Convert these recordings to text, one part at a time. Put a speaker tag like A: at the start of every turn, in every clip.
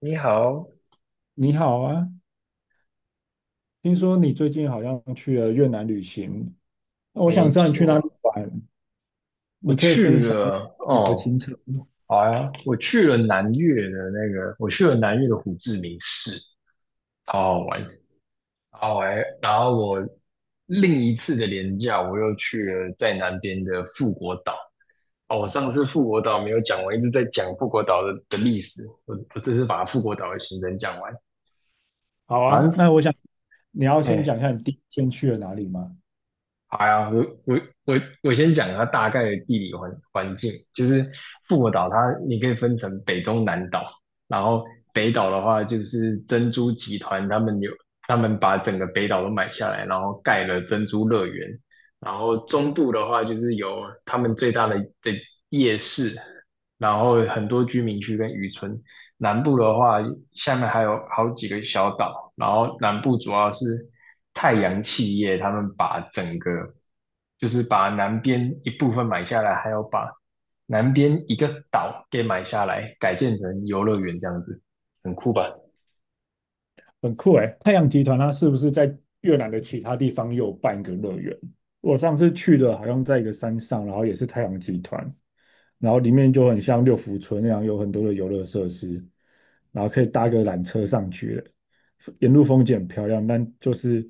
A: 你好，
B: 你好啊，听说你最近好像去了越南旅行，那我想
A: 没
B: 知道你去哪里
A: 错，
B: 玩，
A: 我
B: 你可以
A: 去
B: 分享。
A: 了哦，好呀，我去了南越的胡志明市，好好玩，好玩。然后我另一次的连假，我又去了在南边的富国岛。哦，我上次富国岛没有讲完，一直在讲富国岛的历史，我这次把富国岛的行程讲完。
B: 好
A: 反
B: 啊，
A: 正，
B: 那我想你要先讲一
A: 哎、
B: 下你第一天去了哪里吗？
A: 好呀，我先讲它大概的地理环境，就是复活岛它你可以分成北中南岛，然后北岛的话就是珍珠集团他们把整个北岛都买下来，然后盖了珍珠乐园，然后中部的话就是有他们最大的夜市，然后很多居民区跟渔村，南部的话，下面还有好几个小岛，然后南部主要是太阳企业，他们把整个就是把南边一部分买下来，还要把南边一个岛给买下来，改建成游乐园这样子，很酷吧？
B: 很酷诶，太阳集团它是不是在越南的其他地方也有办一个乐园？我上次去的好像在一个山上，然后也是太阳集团，然后里面就很像六福村那样，有很多的游乐设施，然后可以搭个缆车上去了，沿路风景很漂亮，但就是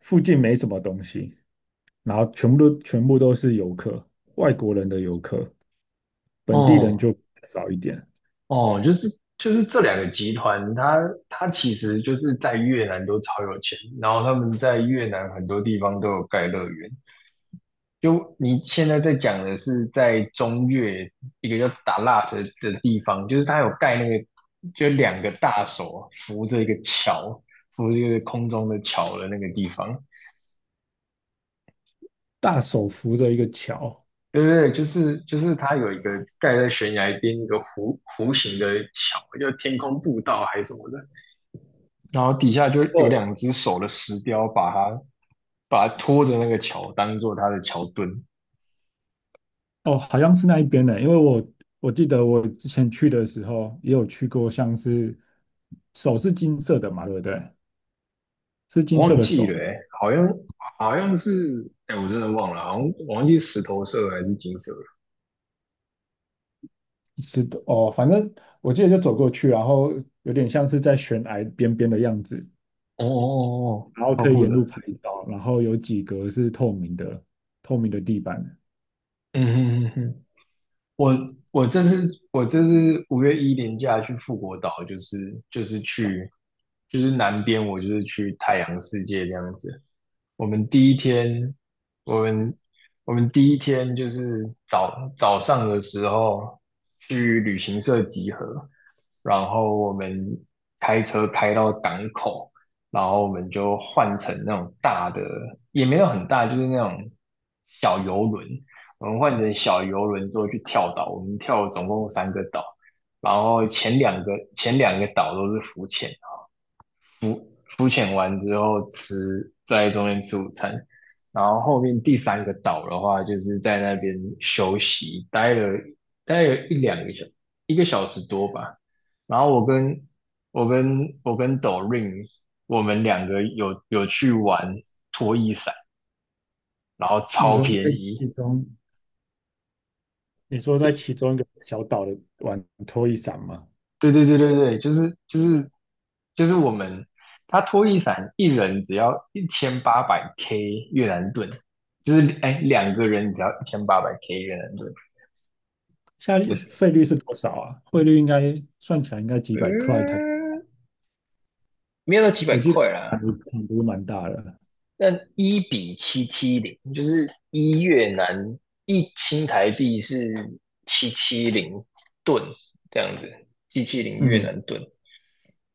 B: 附近没什么东西。然后全部都是游客，外国人的游客，本地人
A: 哦
B: 就少一点。
A: 哦，就是这两个集团，它其实就是在越南都超有钱，然后他们在越南很多地方都有盖乐园。就你现在在讲的是在中越一个叫达腊的地方，就是它有盖那个，就两个大手扶着一个桥，扶着一个空中的桥的那个地方，
B: 大手扶着一个桥，
A: 对对对，就是它有一个盖在悬崖边一个弧形的桥，叫天空步道还是什么的，然后底下就有
B: 哦，
A: 两只手的石雕把它拖着那个桥当做它的桥墩，
B: 哦，好像是那一边的，因为我记得我之前去的时候也有去过，像是手是金色的嘛，对不对？是
A: 我
B: 金色
A: 忘
B: 的
A: 记了、
B: 手，
A: 欸，好像是，哎、我真的忘了，好像我忘记石头色还是金色了。
B: 是的，哦，反正我记得就走过去，然后有点像是在悬崖边边的样子，
A: 哦哦哦，哦
B: 然后
A: 超
B: 可以
A: 酷
B: 沿路
A: 的。
B: 拍照，然后有几格是透明的，透明的地板。
A: 嗯嗯嗯嗯我我这次五月一连假去富国岛，就是就是去就是南边，我就是去太阳世界这样子。我们第一天，我们我们第一天就是早上的时候去旅行社集合，然后我们开车开到港口，然后我们就换乘那种大的，也没有很大，就是那种小游轮，我们换成小游轮之后去跳岛，我们跳了总共三个岛，然后前两个岛都是浮潜，浮浮潜完之后吃在中间吃午餐，然后后面第三个岛的话就是在那边休息，待了一个小时多吧，然后我跟抖 r i n 我们两个有去玩拖衣伞，然后
B: 你
A: 超
B: 说
A: 便
B: 在其
A: 宜。
B: 中。你说在其中一个小岛的玩拖一伞吗？
A: 对对对对对，就是我们，他拖一伞一人只要一千八百 K 越南盾，就是哎两个人只要一千八百 K 越南盾，
B: 现在
A: 我
B: 费率是多少啊？汇率应该算起来应该几百块台，
A: 嗯，没有到几百
B: 我记得
A: 块啦，
B: 涨幅蛮大的。
A: 那一比七七零，就是一越南一新台币是七七零盾这样子，七七零越
B: 嗯，
A: 南盾，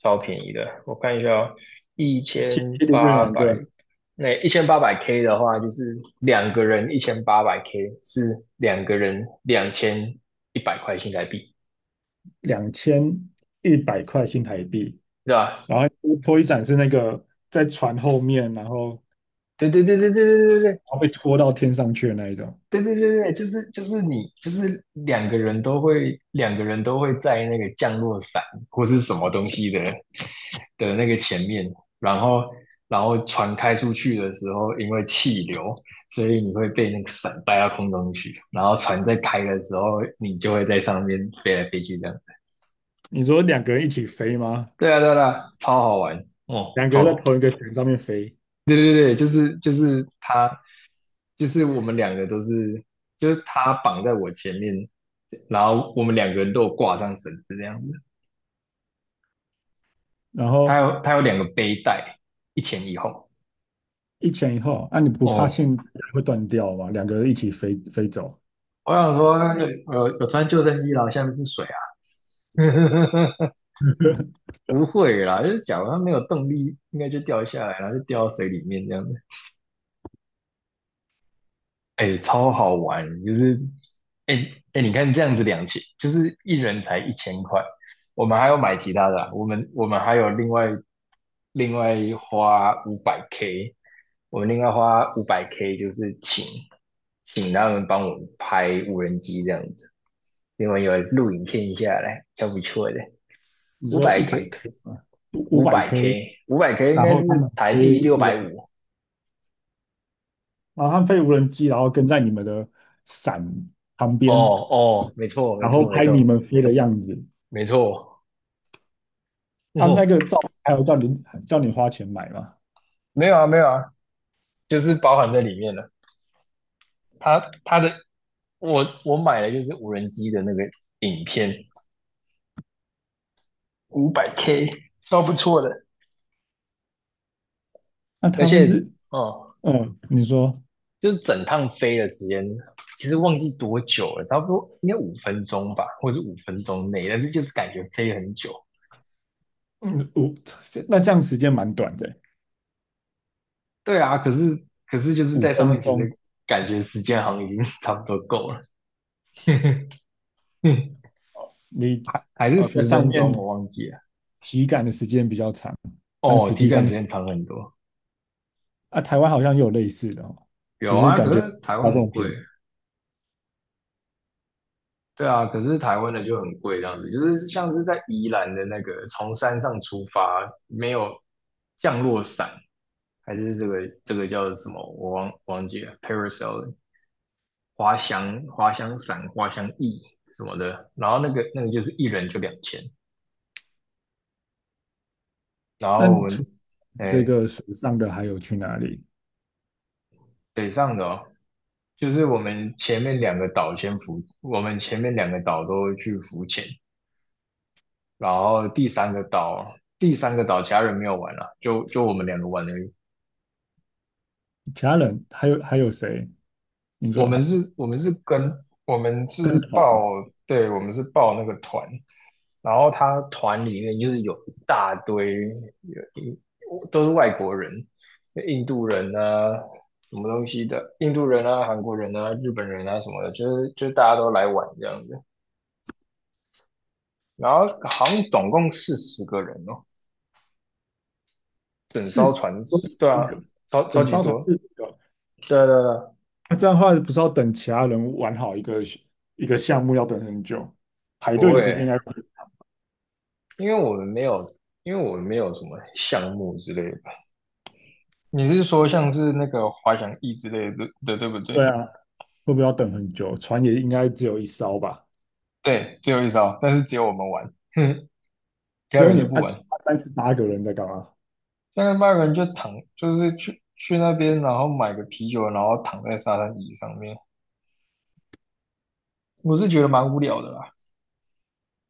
A: 超便宜的。我看一下哦，一
B: 其实
A: 千
B: 的越
A: 八
B: 南
A: 百，
B: 盾
A: 那一千八百 K 的话，就是两个人一千八百 K 是两个人2100块新台币，
B: 2100块新台币，
A: 对吧？
B: 然后拖一伞是那个在船后面，然后然
A: 对对对对对对对对，
B: 后被拖到天上去的那一种。
A: 对对对对，就是你两个人都会在那个降落伞或是什么东西的那个前面，然后然后船开出去的时候，因为气流，所以你会被那个伞带到空中去，然后船在开的时候，你就会在上面飞来飞去这样。
B: 你说两个人一起飞吗？
A: 对啊对啊，对啊超好玩哦，
B: 两个人在同一个船上面飞，
A: 对对对，就是他，就是我们两个都是，就是他绑在我前面，然后我们两个人都有挂上绳子这样子。
B: 然
A: 他
B: 后
A: 有他有两个背带，一前一后。
B: 一前一后，那你不怕
A: 哦，
B: 线会断掉吗？两个人一起飞飞走。
A: 我想说，有穿救生衣啦，下面是水啊。不会啦，就是假如他没有动力，应该就掉下来，然后就掉到水里面这样子。哎，超好玩，就是哎哎，你看这样子两千，就是一人才一千块，我们还要买其他的啊我们还有另外花五百 K，我们另外花五百 K 就是请他们帮我们拍无人机这样子，因为有录影片下来，还不错的，
B: 你
A: 五
B: 说一
A: 百
B: 百
A: K
B: K 啊，五五
A: 五
B: 百
A: 百
B: K，
A: K 五百 K 应
B: 然
A: 该
B: 后他
A: 是
B: 们
A: 台币
B: 飞
A: 六
B: 无
A: 百
B: 人，
A: 五，
B: 然后他们飞无人机，然后跟在你们的伞旁
A: 哦
B: 边，
A: 哦，没错没
B: 然后
A: 错没
B: 拍你
A: 错
B: 们飞的样子
A: 没错，
B: 啊，那
A: 哇
B: 个照片还有叫你花钱买嘛？
A: 没有啊，没有啊，就是包含在里面了。它的我买的就是无人机的那个影片，五百 K，超不错的。
B: 那
A: 而
B: 他会
A: 且
B: 是
A: 哦，
B: 嗯，你说
A: 就是整趟飞的时间，其实忘记多久了，差不多应该五分钟吧，或者是五分钟内，但是就是感觉飞很久。
B: 嗯五，那这样时间蛮短的，
A: 对啊，可是就是在
B: 五
A: 上
B: 分
A: 面，其
B: 钟，
A: 实感觉时间好像已经 差不多够了，嗯
B: 你
A: 还是
B: 在
A: 十
B: 上
A: 分钟，我
B: 面
A: 忘记了。
B: 体感的时间比较长，但
A: 哦，
B: 实
A: 体
B: 际
A: 感时
B: 上是
A: 间长很多。
B: 啊，台湾好像也有类似的哦，只
A: 有
B: 是
A: 啊，可
B: 感觉
A: 是台湾
B: 它
A: 很
B: 更
A: 贵。
B: 便宜。
A: 对啊，可是台湾的就很贵，这样子，就是像是在宜兰的那个从山上出发，没有降落伞，还是这个叫什么？我忘记了，parasail 滑翔伞、滑翔翼什么的。然后那个就是一人就两千。然
B: 那
A: 后我
B: 除
A: 们
B: 这
A: 哎
B: 个水上的还有去哪里？
A: 北上的哦就是我们前面两个岛先浮，我们前面两个岛都去浮潜，然后第三个岛其他人没有玩了，就就我们两个玩而已。
B: 其他人还有谁？你
A: 我
B: 说还
A: 们是，我们是跟我们是
B: 跟团
A: 报，
B: 吗？
A: 对，我们是报那个团，然后他团里面就是有一大堆，有一都是外国人，印度人啊，什么东西的，印度人啊，韩国人啊，日本人啊什么的，就是大家都来玩这样子。然后好像总共40个人哦，整
B: 是
A: 艘船，对
B: 一
A: 啊，
B: 个
A: 超超
B: 等
A: 级
B: 艘船
A: 多。
B: 是一个，
A: 对啊对啊对啊，
B: 那这样的话不是要等其他人玩好一个一个项目要等很久，排
A: 不
B: 队的时间应
A: 会，
B: 该会
A: 因为我们没有，因为我们没有什么项目之类的。你是说像是那个滑翔翼之类的，的，对不对？
B: 对啊，会不会要等很久？船也应该只有一艘吧？
A: 对，只有一招，但是只有我们玩，哼，其
B: 只
A: 他
B: 有
A: 人
B: 你
A: 都
B: 们
A: 不
B: 啊，
A: 玩。
B: 38个人在干嘛？
A: 像那国人就躺，就是去那边，然后买个啤酒，然后躺在沙滩椅上面。我是觉得蛮无聊的啦，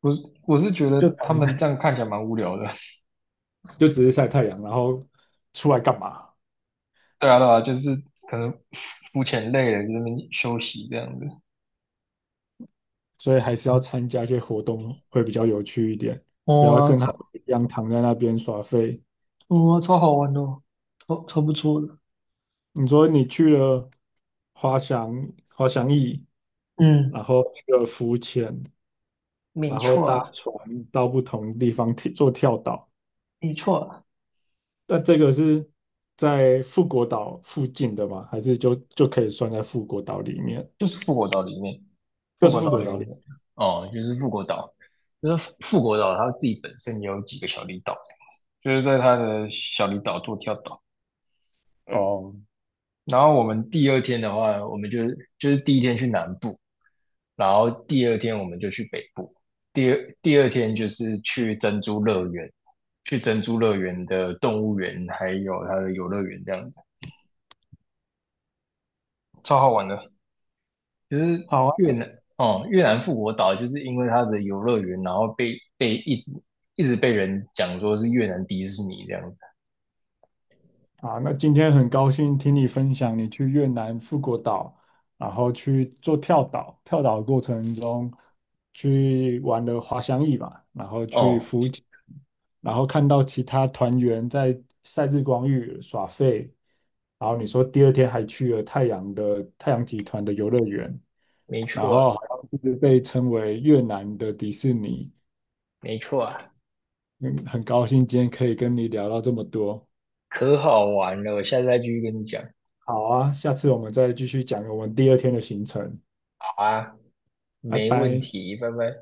A: 我是觉
B: 就
A: 得
B: 躺
A: 他们这样看起来蛮无聊的。
B: 就只是晒太阳，然后出来干嘛？
A: 对啊对啊，就是可能肤浅累了，就在那边休息这样子。
B: 所以还是要参加一些活动会比较有趣一点，不要
A: 哇，
B: 跟他们
A: 超，
B: 一样躺在那边耍废。
A: 哇超好玩哦，超不错的。
B: 你说你去了滑翔滑翔翼，
A: 嗯，
B: 然后去了浮潜，
A: 没
B: 然后搭
A: 错，
B: 船到不同地方做跳岛，
A: 没错，
B: 那这个是在富国岛附近的吗？还是就可以算在富国岛里面？
A: 就是复活岛里面，
B: 就
A: 复
B: 是
A: 活
B: 富
A: 岛
B: 国
A: 里面
B: 岛里。
A: 的哦，就是复活岛它自己本身也有几个小离岛，就是在它的小离岛做跳岛。
B: 哦，
A: 然后我们第二天的话，我们就是第一天去南部，然后第二天我们就去北部，第二天就是去珍珠乐园，去珍珠乐园的动物园还有它的游乐园这样子，超好玩的。就是
B: 好
A: 越
B: 啊，
A: 南哦，越南富国岛就是因为它的游乐园，然后被一直一直被人讲说是越南迪士尼这样子。
B: 啊，那今天很高兴听你分享你去越南富国岛，然后去做跳岛，跳岛的过程中去玩了滑翔翼吧，然后去
A: 哦，
B: 浮潜，然后看到其他团员在晒日光浴耍废，然后你说第二天还去了太阳集团的游乐园，
A: 没
B: 然
A: 错啊，
B: 后好像是被称为越南的迪士尼，
A: 没错啊，
B: 嗯，很高兴今天可以跟你聊到这么多。
A: 可好玩了，我下次再继续跟你讲。
B: 好啊，下次我们再继续讲我们第二天的行程，
A: 好啊，
B: 拜
A: 没问
B: 拜。
A: 题，拜拜。